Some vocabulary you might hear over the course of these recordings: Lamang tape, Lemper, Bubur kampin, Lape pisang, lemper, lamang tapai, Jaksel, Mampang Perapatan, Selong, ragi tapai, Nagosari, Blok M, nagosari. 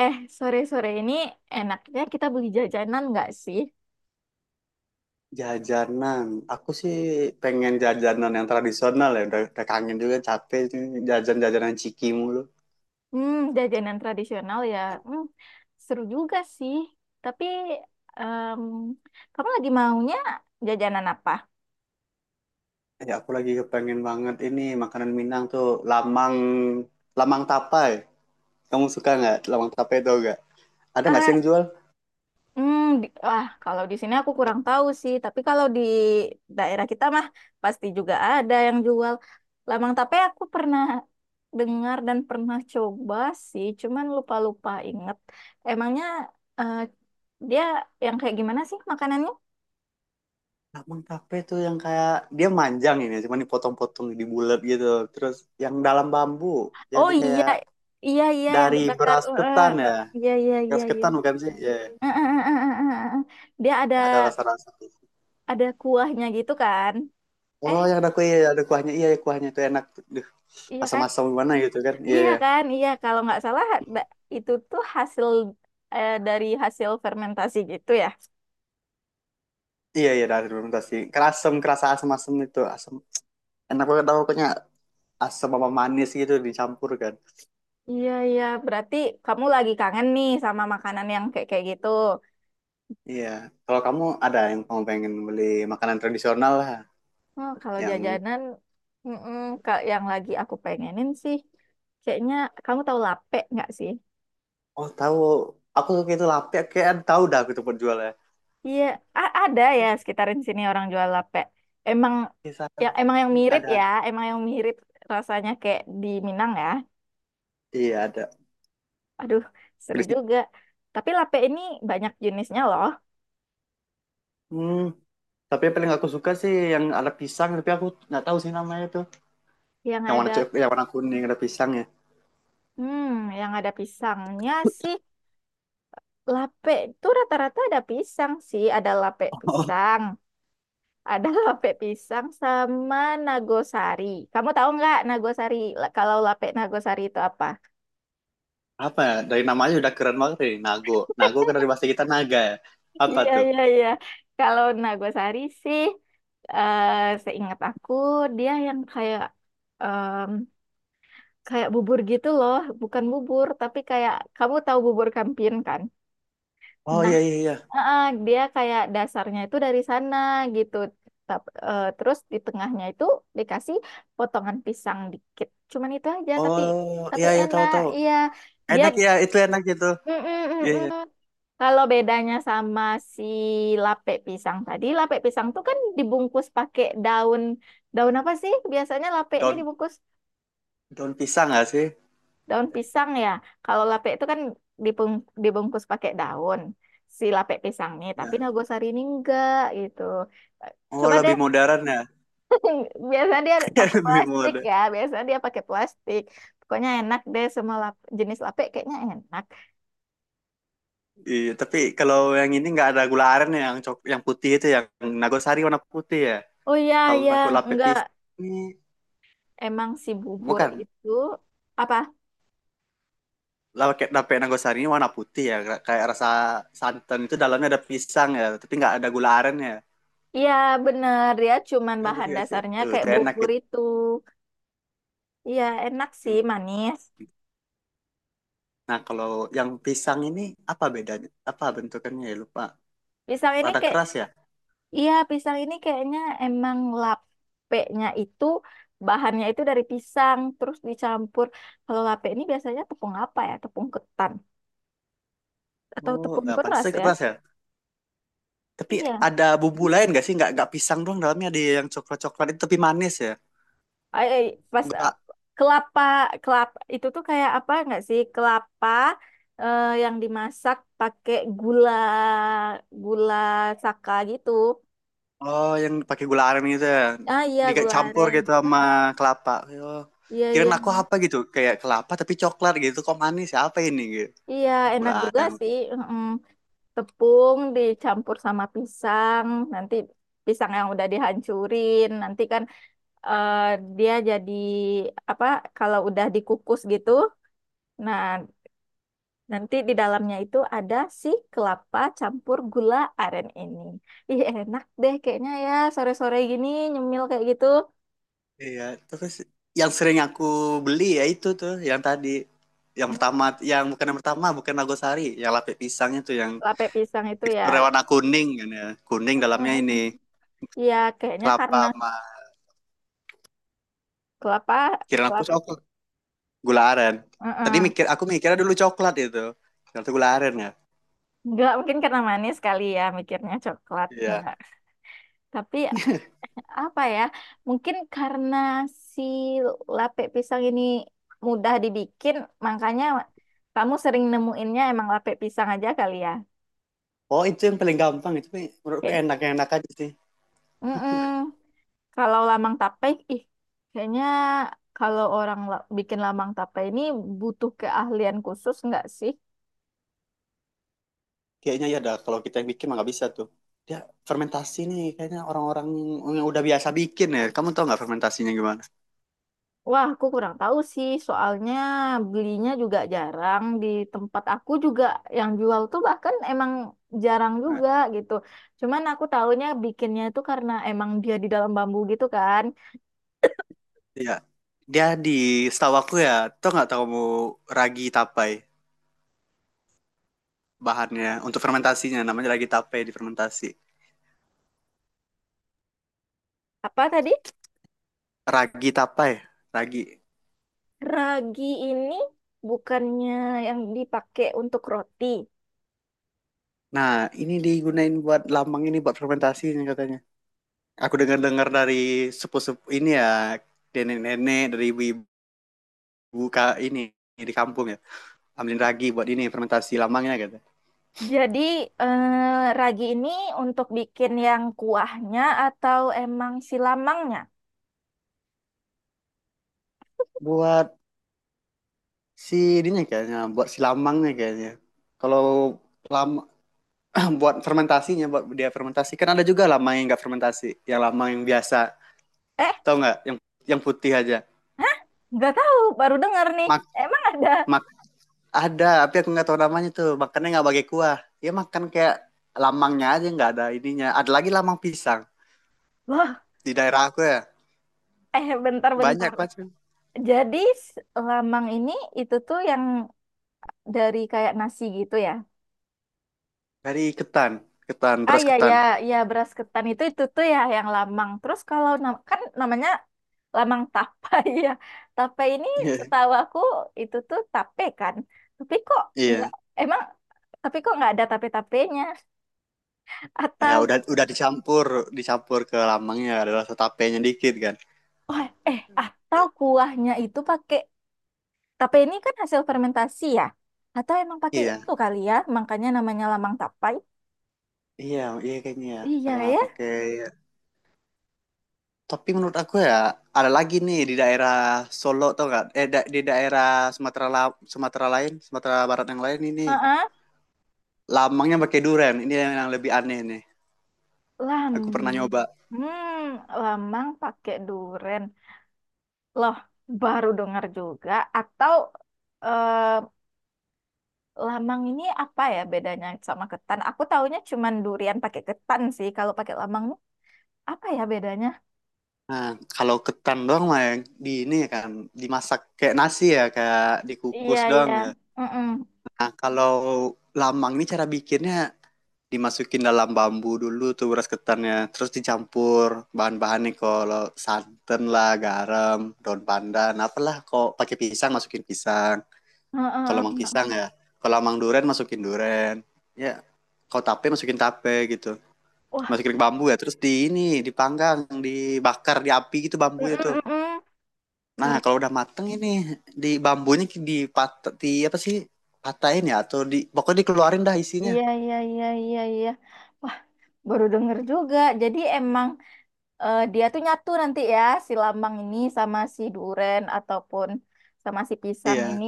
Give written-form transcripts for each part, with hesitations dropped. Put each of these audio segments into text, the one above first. Eh, sore-sore ini enaknya kita beli jajanan nggak sih? Jajanan, aku sih pengen jajanan yang tradisional ya, udah kangen juga capek sih jajan-jajanan ciki mulu. Jajanan tradisional ya. Hmm, Seru juga sih. Tapi, em, kamu lagi maunya jajanan apa? Ya aku lagi kepengen banget ini makanan Minang tuh lamang lamang tapai. Kamu suka nggak lamang tapai itu nggak? Ada nggak sih Ah, yang jual? Wah, kalau di sini aku kurang tahu sih. Tapi kalau di daerah kita mah pasti juga ada yang jual. Lamang tape aku pernah dengar dan pernah coba sih. Cuman lupa-lupa inget. Emangnya eh, dia yang kayak gimana sih makanannya? Lamang tapai tuh yang kayak dia manjang ini, cuman dipotong-potong di bulat gitu. Terus yang dalam bambu, Oh jadi iya, kayak iya iya yang dari dibakar. beras Heeh, ketan heeh. ya. Iya iya iya Beras iya. ketan bukan sih? Ya, Heeh, heeh, heeh, heeh, heeh. Dia ada ya ada rasa-rasa. ada kuahnya gitu kan? Eh, Oh, yang ada kuahnya, ada kuahnya. Iya, iya, kuahnya itu enak. Duh, iya kan? asam-asam gimana gitu kan? Iya, Iya iya. kan? Iya kalau nggak salah da- itu tuh dari hasil fermentasi gitu ya. Iya, iya dari fermentasi. Kerasem, kerasa asam-asam itu, asam. Enak banget tau pokoknya asam sama manis gitu dicampur kan. Iya iya, berarti kamu lagi kangen nih sama makanan yang kayak kayak gitu. Iya. Kalau kamu ada yang kamu pengen beli makanan tradisional lah Oh, kalau yang jajanan mm yang lagi aku pengenin sih kayaknya kamu tahu lape nggak sih? oh tahu aku suka itu lape kayak tahu dah aku tuh penjualnya. Iya, ada ya sekitarin sini orang jual lape. Emang Kisah emang yang mirip ada ya, ada. emang yang mirip rasanya kayak di Minang ya. Iya, ada. Aduh, seru Berisi- juga. Tapi lape ini banyak jenisnya loh. Hmm, tapi yang paling aku suka sih yang ada pisang tapi aku nggak tahu sih namanya tuh. Yang Yang warna ada cok- yang warna kuning ada pisangnya. hmm, yang ada pisangnya sih. Lape itu rata-rata ada pisang sih, ada lape pisang, ada lape pisang sama nagosari. Kamu tahu nggak nagosari? Kalau lape nagosari itu apa? Apa ya, dari namanya udah keren banget nih, Nago Nago kan dari bahasa kita naga ya, apa Iya, tuh? iya, iya. Kalau Nagosari sih, eh seingat aku, dia yang em, kayak bubur gitu loh. Bukan bubur, tapi kayak kamu tahu bubur kampin kan? Oh Nah, iya iya iya. Dia kayak dasarnya itu dari sana gitu. Terus di tengahnya itu dikasih potongan pisang dikit. Cuman itu aja, tapi Oh tapi iya iya, tahu enak. tahu. Iya, dia. Enak ya itu enak gitu. Mm-mm, Iya mm-mm. iya. Kalau bedanya sama si lapek pisang tadi, lapek pisang tuh kan dibungkus pakai daun, daun apa sih? Biasanya lapek ini daun dibungkus daun pisang nggak sih daun pisang ya. Kalau lapek itu kan dibungkus pakai daun si lapek pisang nih, tapi ya. nagosari ini enggak gitu. Oh Coba lebih deh, modern ya. biasanya dia pakai Lebih plastik modern. ya, biasanya dia pakai plastik. Pokoknya enak deh semua jenis lapek kayaknya enak. Iya tapi kalau yang ini nggak ada gula aren ya, yang putih itu ya, yang nagosari warna putih ya. Oh iya, Kalau nago yang lapet enggak. pisang ini Emang si bubur bukan itu apa? lapet lapet nagosari ini warna putih ya, kayak rasa santan itu dalamnya ada pisang ya tapi nggak ada gula aren ya. Iya bener ya, cuman Gaduh bahan ya sih? dasarnya Itu kayak enak bubur itu. itu. Iya enak sih, Hmm. manis. Nah, kalau yang pisang ini apa bedanya? Apa bentukannya ya? Lupa. Pisang ini Rada kayak, keras ya? iya, pisang ini kayaknya emang lapeknya itu bahannya itu dari pisang terus dicampur. Kalau lapek ini biasanya tepung apa ya? Tepung ketan atau Oh, tepung nah, beras pantasnya ya? keras ya. Tapi Iya. ada bumbu lain gak sih? Nggak pisang doang dalamnya ada yang coklat-coklat itu tapi manis ya? eh, eh, Pas Enggak. kelapa kelapa itu tuh kayak apa nggak sih, kelapa, yang dimasak pakai gula gula saka gitu. Oh, yang pakai gula aren gitu ya. Di- Ah iya, Dicampur gula campur aren. gitu sama Mm-mm. kelapa. Oh. Iya iya Kirain aku apa gitu? Kayak kelapa tapi coklat gitu. Kok manis ya? Apa ini gitu? iya, Gula enak juga aren. sih. Mm-mm. Tepung dicampur sama pisang, nanti pisang yang udah dihancurin nanti kan eh, dia jadi apa kalau udah dikukus gitu. Nah, nanti di dalamnya itu ada si kelapa campur gula aren ini. Ih, enak deh kayaknya ya sore-sore gini nyemil kayak gitu. Iya, terus yang sering aku beli ya itu tuh yang tadi yang pertama, Hmm, yang bukan yang pertama, bukan nagosari, yang lapis pisangnya tuh yang Kelapa pisang itu teksturnya ya. warna kuning kan ya, kuning dalamnya ini Iya, kayaknya karena kelapa sama kelapa, kirain aku kelapa. coklat, gula aren. Tadi Heeh. mikir aku mikirnya dulu coklat itu, ternyata gula aren ya. Enggak, mungkin karena manis kali ya mikirnya coklat. Iya. Enggak. Tapi apa ya? Mungkin karena si lape pisang ini mudah dibikin, makanya kamu sering nemuinnya emang lape pisang aja kali ya. Oh itu yang paling gampang itu, Mi. Menurutku Kayak. enak enak aja sih. Mm-mm. Kalau lamang tape, ih, kayaknya kalau orang bikin lamang tape ini butuh keahlian khusus nggak sih? Kayaknya ya dah kalau kita yang bikin mah nggak bisa tuh, dia fermentasi nih kayaknya orang-orang yang udah biasa bikin ya. Kamu tau nggak fermentasinya gimana? Wah, aku kurang tahu sih, soalnya belinya juga jarang. Di tempat aku juga yang jual tuh bahkan emang jarang Nah, juga gitu. Cuman aku tahunya bikinnya itu karena emang dia di dalam bambu gitu kan. iya. Dia di, setahu aku ya, tau nggak tahu kamu ragi tapai, bahannya untuk fermentasinya namanya ragi tapai, di fermentasi. Apa tadi? Ragi tapai, ragi. Ragi ini bukannya yang dipakai untuk roti. Nah, ini digunain buat lambang ini, buat fermentasinya katanya. Aku dengar-dengar dari sepupu-sepupu ini ya, nenek-nenek dari ibu-ibu ini di kampung ya, ambilin ragi buat ini fermentasi lambangnya katanya. Jadi ragi ini untuk bikin yang kuahnya atau emang silamangnya? Buat si ininya kayaknya, buat si lambangnya kayaknya. Kalau lam buat fermentasinya, buat dia fermentasi kan, ada juga lamang yang nggak fermentasi, yang lamang yang biasa. Eh, Tau nggak yang putih aja? nggak tahu, baru dengar nih. Mak Emang ada? mak Ada tapi aku nggak tahu namanya tuh, makannya nggak pakai kuah ya, makan kayak lamangnya aja, nggak ada ininya. Ada lagi lamang pisang, Loh, di daerah aku ya eh, bentar-bentar. banyak macam. Jadi s- lamang ini itu tuh yang dari kayak nasi gitu ya? Dari ketan ketan Ah beras ya ya ketan. ya, beras ketan itu tuh ya yang lamang. Terus kalau kan namanya lamang tapai ya. Tapai ini Iya setahu aku itu tuh tape kan. Tapi kok nggak- iya. Emang tapi kok nggak ada tape-tapenya? Ya Atau udah dicampur dicampur ke lamangnya, ada rasa tapenya dikit kan. oh, eh atau kuahnya itu pakai tape ini kan hasil fermentasi ya? Atau emang pakai Iya itu kali ya? Makanya namanya lamang tapai. iya iya, kayaknya ya karena Iya ya. pakai. Tapi menurut aku ya, ada lagi nih di daerah Solo tau gak, eh, di daerah Sumatera, Sumatera lain, Sumatera Barat yang lain ini Heeh, lamangnya pakai durian. Ini yang lebih aneh nih. lam. Aku pernah nyoba. Lamang pakai duren. Loh, baru dengar juga. Atau eh, lamang ini apa ya bedanya sama ketan? Aku taunya cuman durian pakai ketan sih. Kalau pakai lamang nih, apa ya bedanya? Nah, kalau ketan doang mah yang di ini kan dimasak kayak nasi ya, kayak Iya, dikukus doang iya. ya. Mm-mm. Nah, kalau lamang ini cara bikinnya dimasukin dalam bambu dulu tuh beras ketannya, terus dicampur bahan-bahannya, kalau santan lah, garam, daun pandan apalah, kok pakai pisang, masukin pisang. Heeh, Kalau heeh, mang heeh. pisang ya, kalau mang duren masukin duren ya, kalau tape masukin tape gitu, Wah, masukin ke bambu ya. Terus di ini dipanggang, dibakar di api gitu bambunya tuh. mm-mm, mm-mm. Nah Wah, kalau udah mateng ini, di bambunya di apa sih, patahin ya, atau di pokoknya dikeluarin dah isinya. iya, iya, iya, iya, iya. Wah, baru denger juga. Jadi emang dia tuh nyatu nanti ya, si lambang ini sama si duren ataupun sama si pisang Iya ini.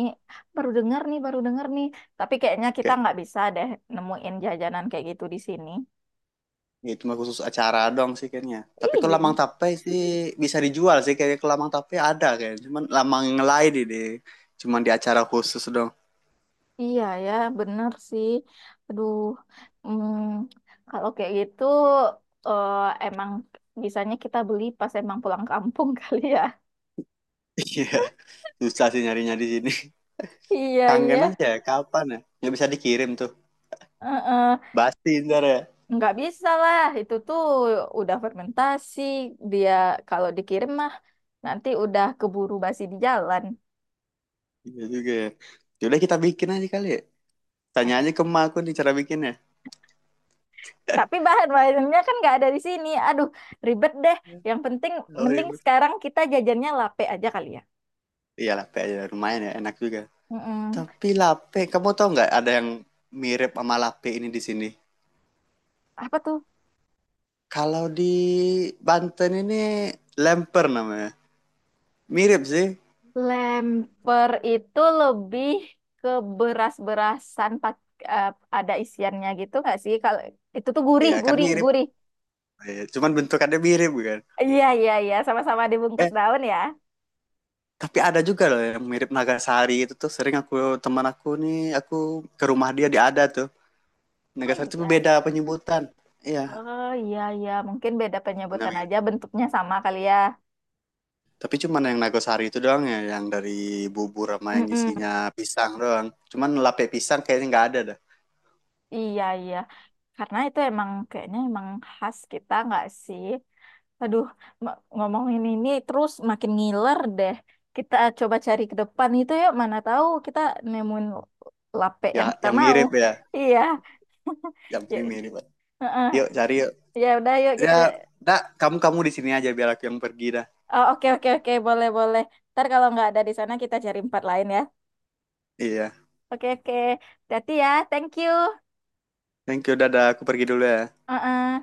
Baru denger nih, baru denger nih. Tapi kayaknya kita kayak. nggak bisa deh nemuin jajanan kayak gitu di sini. Ya, itu mah khusus acara dong sih kayaknya. Tapi kalau Iya. lamang tape sih bisa dijual sih kayaknya, kalau lamang tape ada kayak. Cuman lamang yang lain deh, cuman di acara khusus dong. Iya ya, bener sih. Aduh, hmm, kalau kayak gitu eh, emang bisanya kita beli pas emang pulang kampung kali ya. Iya. Susah sih nyarinya di sini. Iya, iya. Kangen aja ya, kapan ya? Nggak bisa dikirim tuh. Heeh. Basti ntar ya. Nggak bisa lah, itu tuh udah fermentasi. Dia kalau dikirim mah nanti udah keburu basi di jalan. Iya juga ya. Yaudah kita bikin aja kali ya. Tanya Ayah. aja ke emak aku nih cara bikinnya. Tapi bahan bahannya kan nggak ada di sini. Aduh, ribet deh. Yang penting, Tahu mending ribet. sekarang kita jajannya lape aja kali ya. Iya lape aja lumayan ya, enak juga. Mm-mm. Tapi lape, kamu tahu nggak ada yang mirip sama lape ini di sini? Apa tuh? Kalau di Banten ini lemper namanya. Mirip sih. Lemper itu lebih ke beras-berasan eh, ada isiannya gitu nggak sih? Kalau itu tuh gurih, Iya kan gurih, mirip. gurih. Iya, cuman bentukannya mirip kan. Iya, iya, iya. Sama-sama dibungkus Eh, daun ya. tapi ada juga loh yang mirip Nagasari itu, tuh sering aku, teman aku nih, aku ke rumah dia di ada tuh. Ah, Nagasari itu iya. beda penyebutan. Iya, Oh iya iya, mungkin beda punya penyebutan mirip. aja bentuknya sama kali ya. Tapi cuman yang Nagasari itu doang ya, yang dari bubur sama yang Mm-mm. isinya pisang doang. Cuman lape pisang kayaknya nggak ada dah. Iya iya karena itu emang kayaknya emang khas kita nggak sih? Aduh, ngomongin ini terus makin ngiler deh. Kita coba cari ke depan itu yuk, mana tahu kita nemuin lape yang kita mau. Ya, Iya. yang Ya, mirip mirip. heeh. Yuk cari yuk. Ya udah yuk kita. Ya, dah kamu kamu di sini aja biar aku yang pergi dah. Oh, oke oke oke, boleh boleh. Ntar kalau nggak ada di sana kita cari empat lain ya. Iya. Oke oke. Hati ya. Thank you. Thank you, dadah. Aku pergi dulu ya. Heeh.